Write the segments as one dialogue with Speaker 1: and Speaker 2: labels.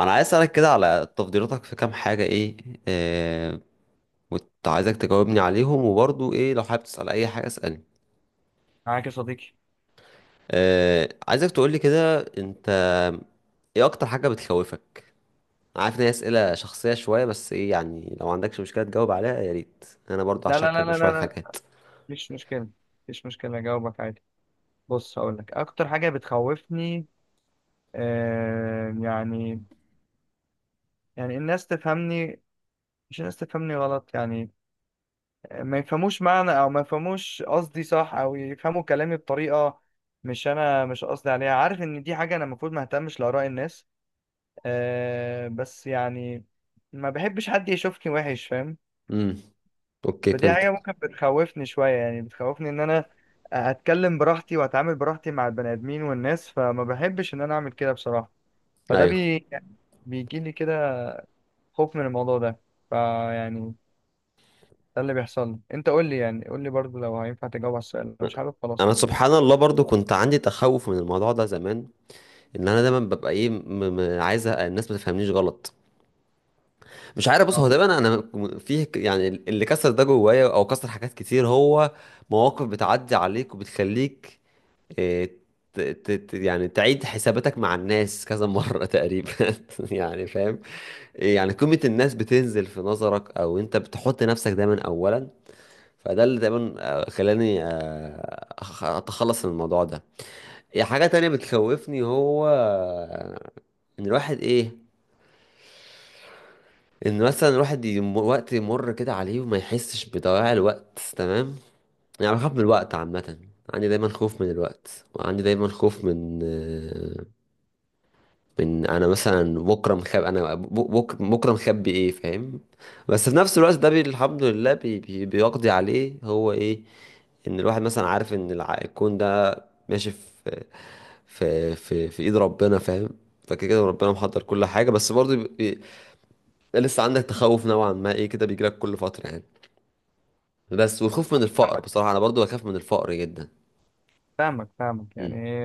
Speaker 1: انا عايز اسالك كده على تفضيلاتك في كام حاجه ايه. آه. وكنت عايزك تجاوبني عليهم، وبرضو ايه لو حابب تسال اي حاجه اسالني.
Speaker 2: معاك يا صديقي.
Speaker 1: آه، عايزك تقولي كده انت، ايه اكتر حاجه بتخوفك؟ أنا عارف ان هي اسئله شخصيه شويه، بس ايه يعني لو عندكش مشكله تجاوب عليها يا ريت، انا برضو
Speaker 2: لا لا
Speaker 1: هشاركك
Speaker 2: لا لا
Speaker 1: بشويه
Speaker 2: لا لا،
Speaker 1: حاجات.
Speaker 2: مفيش مشكلة. أجاوبك عادي. بص، هقول لك أكتر حاجة بتخوفني. آه يعني يعني الناس تفهمني، مش الناس تفهمني غلط يعني، ما يفهموش معنى أو ما يفهموش قصدي صح، أو يفهموا كلامي بطريقة مش أنا مش قصدي عليها. عارف إن دي حاجة أنا المفروض ما أهتمش لآراء الناس، آه بس يعني ما بحبش حد يشوفني وحش، فاهم؟
Speaker 1: امم، اوكي
Speaker 2: فدي حاجة
Speaker 1: فهمتك.
Speaker 2: ممكن بتخوفني شوية، يعني بتخوفني إن أنا أتكلم براحتي وأتعامل براحتي مع البني آدمين والناس، فما بحبش إن أنا أعمل كده بصراحة. فده
Speaker 1: ايوه،
Speaker 2: بي... بيجيلي كده خوف من الموضوع ده. فيعني ده اللي بيحصل لي. أنت قول لي، يعني قول لي برضه لو هينفع تجاوب على السؤال، لو مش عارف خلاص.
Speaker 1: انا سبحان الله برضو كنت عندي تخوف من الموضوع ده زمان، ان انا دايما ببقى ايه م م عايز الناس ما تفهمنيش غلط. مش عارف، بص هو
Speaker 2: آه.
Speaker 1: ده انا. فيه يعني اللي كسر ده جوايا او كسر حاجات كتير، هو مواقف بتعدي عليك وبتخليك إيه، يعني تعيد حساباتك مع الناس كذا مرة تقريبا، يعني فاهم. يعني قيمة الناس بتنزل في نظرك، او انت بتحط نفسك دايما اولا. فده اللي دايما خلاني اتخلص من الموضوع ده. حاجة تانية بتخوفني هو ان الواحد ايه، ان مثلا الواحد وقت يمر كده عليه وما يحسش بضياع الوقت، تمام. يعني بخاف من الوقت عامة، عندي دايما خوف من الوقت، وعندي دايما خوف من من انا مثلا بكره مخبي. انا بكره مخبي، ايه فاهم. بس في نفس الوقت ده الحمد لله بي بي بيقضي عليه هو ايه، ان الواحد مثلا عارف ان الكون ده ماشي في ايد ربنا فاهم. فكده كده ربنا محضر كل حاجة، بس برضه لسه عندك تخوف نوعا ما، ايه كده بيجيلك كل فترة يعني. بس والخوف من الفقر
Speaker 2: فاهمك
Speaker 1: بصراحة، انا برضو بخاف من الفقر جدا.
Speaker 2: فاهمك، فاهمك
Speaker 1: امم.
Speaker 2: يعني.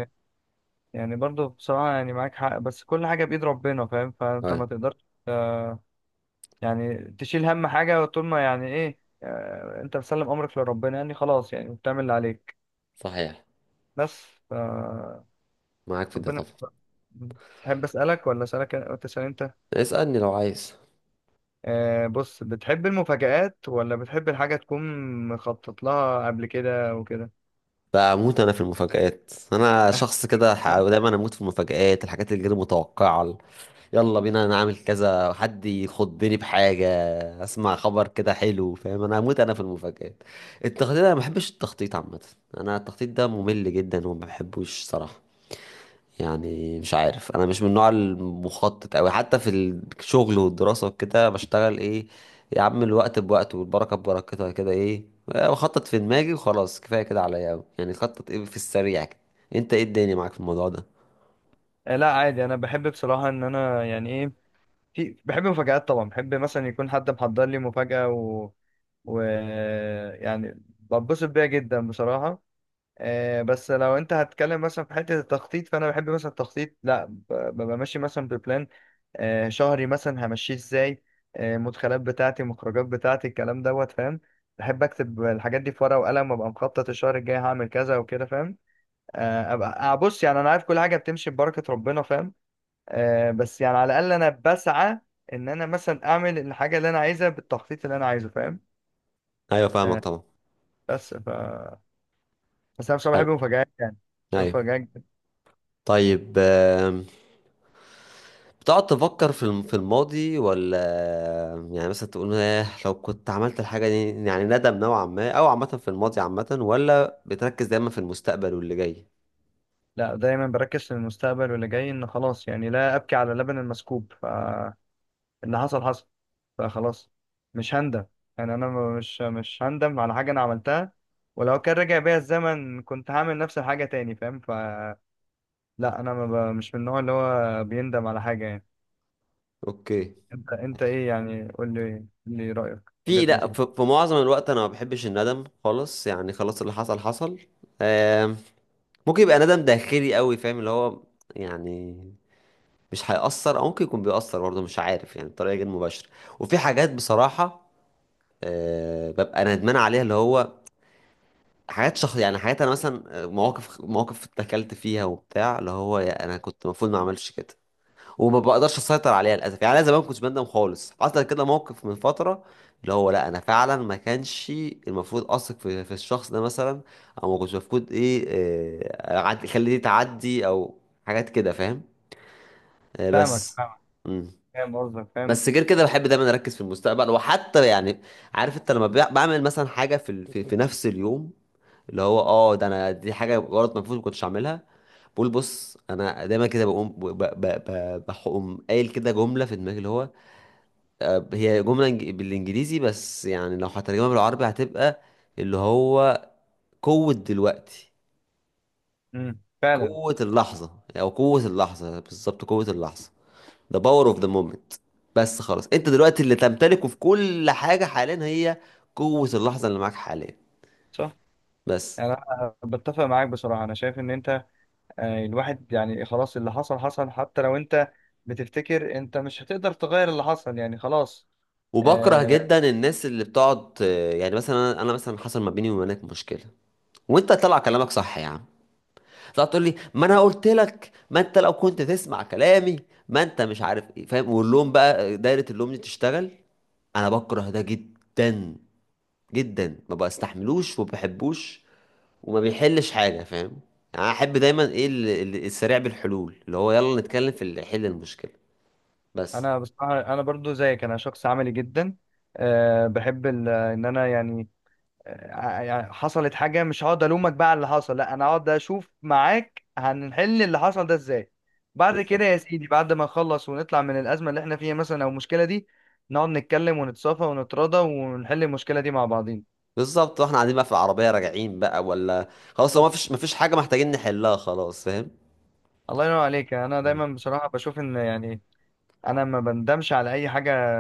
Speaker 2: برضه بصراحة يعني معاك حق، بس كل حاجة بإيد ربنا فاهم، فأنت
Speaker 1: طيب.
Speaker 2: ما تقدرش يعني تشيل هم حاجة طول ما يعني ايه آه، انت مسلم امرك لربنا، يعني خلاص يعني بتعمل اللي عليك
Speaker 1: صحيح.
Speaker 2: بس ف
Speaker 1: معاك في ده
Speaker 2: ربنا
Speaker 1: طبعا.
Speaker 2: يستر. تحب اسالك ولا اسالك؟ أنت تسال انت.
Speaker 1: اسألني لو عايز.
Speaker 2: بص، بتحب المفاجآت ولا بتحب الحاجة تكون مخطط لها قبل كده وكده؟
Speaker 1: بموت انا في المفاجآت، انا شخص كده دايما اموت في المفاجآت، الحاجات اللي غير متوقعة، يلا بينا نعمل كذا، حد يخضني بحاجة، اسمع خبر كده حلو فاهم. انا اموت انا في المفاجآت. التخطيط، انا ما بحبش التخطيط عامة، انا التخطيط ده ممل جدا وما بحبوش صراحة. يعني مش عارف، انا مش من النوع المخطط اوي، حتى في الشغل والدراسه وكده بشتغل ايه، يا عم الوقت بوقت والبركه ببركتها كده، ايه، بخطط في دماغي وخلاص كفايه كده عليا اوي، يعني خطط ايه في السريع كده. انت ايه الدنيا معاك في الموضوع ده؟
Speaker 2: لا عادي، انا بحب بصراحة ان انا يعني ايه بحب المفاجآت طبعا. بحب مثلا يكون حد محضر لي مفاجأة و... يعني بتبسط بيها جدا بصراحة. بس لو انت هتتكلم مثلا في حته التخطيط، فانا بحب مثلا التخطيط. لا ب- ببقى ماشي مثلا ببلان شهري، مثلا همشيه ازاي، مدخلات بتاعتي مخرجات بتاعتي الكلام دوت، فاهم؟ بحب اكتب الحاجات دي في ورقه وقلم، وابقى مخطط الشهر الجاي هعمل كذا وكده، فاهم؟ آه، ابقى آه، بص، يعني انا عارف كل حاجه بتمشي ببركه ربنا فاهم، بس يعني على الاقل انا بسعى ان انا مثلا اعمل الحاجه اللي انا عايزها بالتخطيط اللي انا عايزه، فاهم؟
Speaker 1: ايوه فاهمك
Speaker 2: آه،
Speaker 1: طبعا.
Speaker 2: بس ف بس انا بصراحه
Speaker 1: حلو.
Speaker 2: بحب المفاجآت يعني، بحب
Speaker 1: ايوه.
Speaker 2: المفاجآت.
Speaker 1: طيب، بتقعد تفكر في الماضي، ولا يعني مثلا تقول ايه لو كنت عملت الحاجة دي، يعني ندم نوعا ما او عامة في الماضي عامة، ولا بتركز دايما في المستقبل واللي جاي؟
Speaker 2: لا، دايما بركز في المستقبل واللي جاي، ان خلاص يعني لا ابكي على لبن المسكوب، فاللي حصل حصل، فخلاص مش هندم. يعني انا مش هندم على حاجه انا عملتها، ولو كان رجع بيا الزمن كنت هعمل نفس الحاجه تاني، فاهم؟ فلا، انا ما ب- مش من النوع اللي هو بيندم على حاجه يعني.
Speaker 1: اوكي.
Speaker 2: انت ايه يعني؟ قول لي، قول لي رايك وجهه
Speaker 1: لا،
Speaker 2: نظرك.
Speaker 1: في معظم الوقت انا ما بحبش الندم خالص، يعني خلاص اللي حصل حصل. آم، ممكن يبقى ندم داخلي قوي فاهم، اللي هو يعني مش هيأثر، او ممكن يكون بيأثر برضه مش عارف يعني بطريقة غير مباشرة. وفي حاجات بصراحة ببقى ندمان عليها، اللي هو حاجات شخص، يعني حاجات انا مثلا مواقف مواقف اتكلت فيها وبتاع، اللي هو يا انا كنت المفروض ما اعملش كده وما بقدرش اسيطر عليها للاسف. يعني انا زمان كنت بندم خالص، حصل كده موقف من فتره اللي هو لا، انا فعلا ما كانش المفروض اثق في الشخص ده مثلا، او ما كنتش المفروض ايه اخليه تعدي، او حاجات كده فاهم.
Speaker 2: فاهمك،
Speaker 1: بس.
Speaker 2: فاهمك.
Speaker 1: مم.
Speaker 2: فاهم قصدك، فاهم.
Speaker 1: بس غير كده بحب دايما اركز في المستقبل، وحتى يعني عارف انت لما بعمل مثلا حاجه في في نفس اليوم، اللي هو اه ده انا دي حاجه غلط المفروض ما كنتش اعملها، بقول بص. انا دايما كده بقوم ب- ب- ب- بقوم قايل كده جمله في دماغي، اللي هو هي جمله بالانجليزي، بس يعني لو هترجمها بالعربي هتبقى اللي هو قوه دلوقتي.
Speaker 2: امم، فعلا.
Speaker 1: قوه اللحظه، او قوه اللحظه بالظبط، قوه اللحظه. the power of the moment. بس خلاص انت دلوقتي اللي تمتلكه في كل حاجه حاليا هي قوه اللحظه اللي معاك حاليا،
Speaker 2: صح.
Speaker 1: بس.
Speaker 2: يعني انا بتفق معاك بصراحه، انا شايف ان انت يعني، الواحد يعني خلاص اللي حصل حصل، حتى لو انت بتفتكر انت مش هتقدر تغير اللي حصل، يعني خلاص.
Speaker 1: وبكره
Speaker 2: آه،
Speaker 1: جدا الناس اللي بتقعد يعني مثلا انا، مثلا حصل ما بيني وما بينك مشكله، وانت طلع كلامك صح يا عم، تطلع تقول لي ما انا قلت لك، ما انت لو كنت تسمع كلامي، ما انت مش عارف ايه فاهم، واللوم بقى، دايرة اللوم دي تشتغل. انا بكره ده جدا جدا، ما بستحملوش وما بحبوش، وما بيحلش حاجة فاهم. يعني انا احب دايما ايه السريع بالحلول، اللي هو يلا نتكلم في اللي يحل المشكلة بس.
Speaker 2: انا بصراحة انا برضو زيك، انا شخص عملي جدا. آه، بحب ال- ان انا يعني آه، يعني حصلت حاجة، مش هقعد الومك بقى على اللي حصل، لا انا هقعد اشوف معاك هنحل اللي حصل ده ازاي. بعد كده
Speaker 1: بالظبط،
Speaker 2: يا سيدي، بعد ما نخلص ونطلع من الأزمة اللي احنا فيها مثلا او المشكلة دي، نقعد نتكلم ونتصافى ونتراضى ونحل المشكلة دي مع بعضين.
Speaker 1: بالظبط. واحنا قاعدين بقى في العربية راجعين بقى، ولا خلاص هو ما فيش حاجة محتاجين نحلها خلاص فاهم.
Speaker 2: الله ينور عليك. انا
Speaker 1: مم.
Speaker 2: دايما بصراحه بشوف ان يعني انا ما بندمش على اي حاجه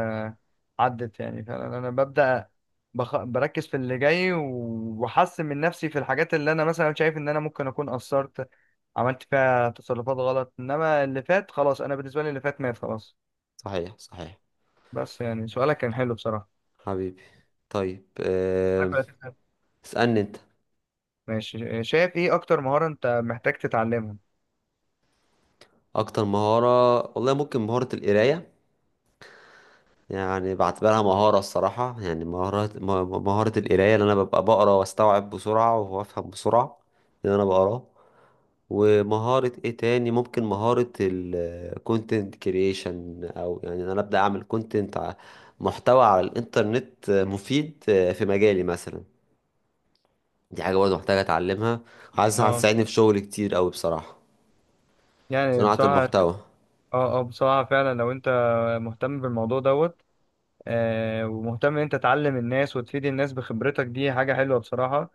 Speaker 2: عدت يعني. فانا ببدا بركز في اللي جاي، واحسن من نفسي في الحاجات اللي انا مثلا شايف ان انا ممكن اكون قصرت، عملت فيها تصرفات غلط. انما اللي فات خلاص، انا بالنسبه لي اللي فات مات، خلاص.
Speaker 1: صحيح، صحيح.
Speaker 2: بس يعني سؤالك كان حلو بصراحه.
Speaker 1: حبيبي. طيب،
Speaker 2: معاك ولا تسأل؟
Speaker 1: اسألني انت.
Speaker 2: ماشي. شايف ايه اكتر مهاره انت محتاج تتعلمها؟
Speaker 1: اكتر مهارة والله، ممكن مهارة القراية، يعني بعتبرها مهارة. الصراحة يعني مهارة مهارة القراية، اللي انا ببقى بقرا واستوعب بسرعة وافهم بسرعة اللي انا بقراه. ومهارة ايه تاني، ممكن مهارة الكونتنت كرييشن، او يعني إن انا ابدأ اعمل كونتنت، محتوى على الانترنت مفيد في مجالي مثلا. دي حاجة برضه محتاجة اتعلمها، عايز
Speaker 2: اه،
Speaker 1: هتساعدني في شغل كتير اوي بصراحة.
Speaker 2: يعني
Speaker 1: صناعة
Speaker 2: بصراحه،
Speaker 1: المحتوى.
Speaker 2: اه اه بصراحه، فعلا لو انت مهتم بالموضوع دوت، ومهتم ان انت تعلم الناس وتفيد الناس بخبرتك، دي حاجة حلوة بصراحة.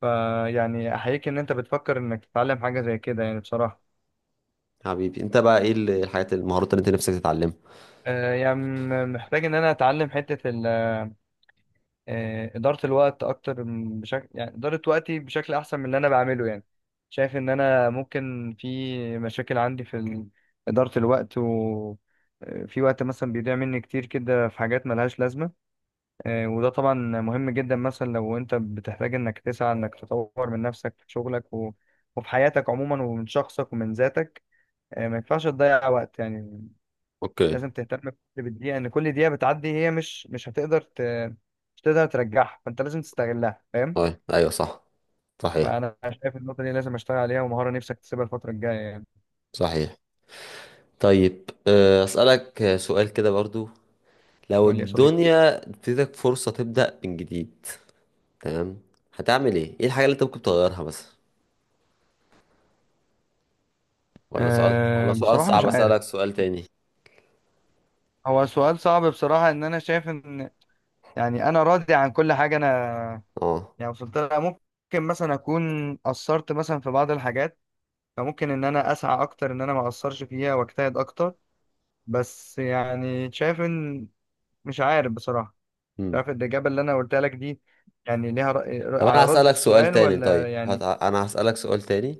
Speaker 2: فيعني احييك ان انت بتفكر انك تتعلم حاجة زي كده، يعني بصراحة.
Speaker 1: حبيبي، انت بقى ايه الحاجات، المهارات اللي انت نفسك تتعلمها.
Speaker 2: محتاج ان انا اتعلم حتة ال- آه، إدارة الوقت اكتر، بشكل يعني إدارة وقتي بشكل احسن من اللي انا بعمله يعني. شايف ان انا ممكن في مشاكل عندي في إدارة الوقت و، في وقت مثلا بيضيع مني كتير كده في حاجات ملهاش لازمة. وده طبعا مهم جدا، مثلا لو انت بتحتاج انك تسعى انك تطور من نفسك في شغلك وفي حياتك عموما ومن شخصك ومن ذاتك، ما ينفعش تضيع وقت يعني.
Speaker 1: اوكي.
Speaker 2: لازم تهتم بالدقيقة، ان كل دقيقة بتعدي هي مش هتقدر ترجعها، فانت لازم تستغلها فاهم.
Speaker 1: طيب ايوه صح. صحيح،
Speaker 2: فانا شايف النقطة دي لازم اشتغل عليها، ومهارة نفسك تسيبها الفترة الجاية يعني.
Speaker 1: صحيح. طيب اسالك سؤال كده برضو، لو
Speaker 2: قول لي يا صديقي.
Speaker 1: الدنيا اديتك فرصة تبدأ من جديد. تمام. هتعمل ايه، ايه الحاجة اللي انت ممكن تغيرها مثلا؟ ولا سؤال، ولا
Speaker 2: أه
Speaker 1: سؤال
Speaker 2: بصراحة
Speaker 1: صعب
Speaker 2: مش عارف.
Speaker 1: اسالك سؤال تاني؟
Speaker 2: هو سؤال صعب بصراحة. ان انا شايف ان يعني انا راضي عن كل حاجة انا
Speaker 1: اه.
Speaker 2: يعني وصلت لها. ممكن مثلا اكون قصرت مثلا في بعض الحاجات، فممكن ان انا اسعى اكتر ان انا ما اقصرش فيها واجتهد اكتر. بس يعني شايف ان، مش عارف بصراحة.
Speaker 1: امم
Speaker 2: شايف الاجابة اللي انا قلتها لك دي يعني ليها رأي
Speaker 1: طب
Speaker 2: على
Speaker 1: انا
Speaker 2: رد
Speaker 1: هسالك سؤال
Speaker 2: السؤال
Speaker 1: تاني،
Speaker 2: ولا
Speaker 1: طيب
Speaker 2: يعني؟
Speaker 1: انا هسالك سؤال تاني.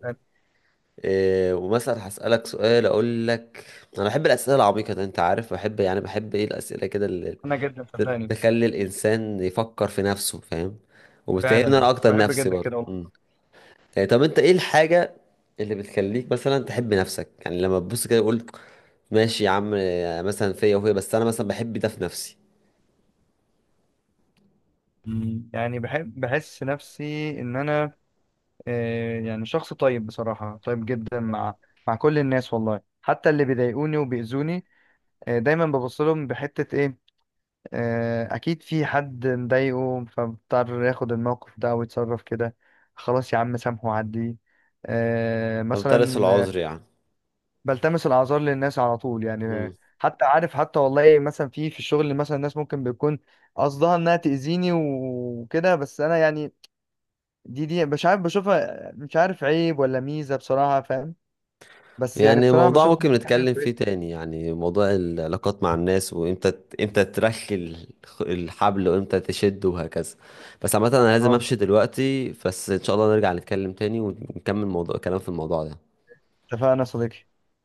Speaker 1: إيه، ومثلا هسألك سؤال أقول لك، أنا بحب الأسئلة العميقة ده، أنت عارف بحب يعني بحب إيه الأسئلة كده،
Speaker 2: انا جدا
Speaker 1: ت-
Speaker 2: صدقني،
Speaker 1: تخلي الإنسان يفكر في نفسه فاهم، وبتهمنا أنا
Speaker 2: فعلا
Speaker 1: أكتر
Speaker 2: بحب
Speaker 1: نفسي
Speaker 2: جدا
Speaker 1: برضه.
Speaker 2: كده
Speaker 1: مم.
Speaker 2: والله.
Speaker 1: يعني طب أنت إيه الحاجة اللي بتخليك مثلا تحب نفسك، يعني لما تبص كده تقول ماشي يا عم، مثلا فيا وفيا، بس أنا مثلا بحب ده في نفسي.
Speaker 2: مم. يعني بحب بحس نفسي ان انا يعني شخص طيب بصراحة، طيب جدا مع مع كل الناس والله، حتى اللي بيضايقوني وبيأذوني دايما ببص لهم بحتة ايه آه، اكيد في حد مضايقه، فبضطر ياخد الموقف ده ويتصرف كده. خلاص يا عم، سامحه وعديه. آه،
Speaker 1: فمترس
Speaker 2: مثلا آه،
Speaker 1: العذر يعني.
Speaker 2: بلتمس الاعذار للناس على طول يعني.
Speaker 1: مم.
Speaker 2: حتى عارف، حتى والله مثلا في الشغل مثلا الناس ممكن بيكون قصدها انها تأذيني وكده، بس انا يعني دي مش عارف بشوفها مش عارف عيب ولا ميزة بصراحة فاهم. بس يعني
Speaker 1: يعني
Speaker 2: بصراحة
Speaker 1: موضوع
Speaker 2: بشوف
Speaker 1: ممكن
Speaker 2: إن دي حاجة
Speaker 1: نتكلم فيه
Speaker 2: كويسة.
Speaker 1: تاني، يعني موضوع العلاقات مع الناس، وامتى امتى ترخي الحبل وامتى تشد وهكذا. بس عامة انا لازم
Speaker 2: اه،
Speaker 1: امشي دلوقتي، بس ان شاء الله نرجع نتكلم تاني ونكمل موضوع، كلام في الموضوع ده.
Speaker 2: اتفقنا يا صديقي.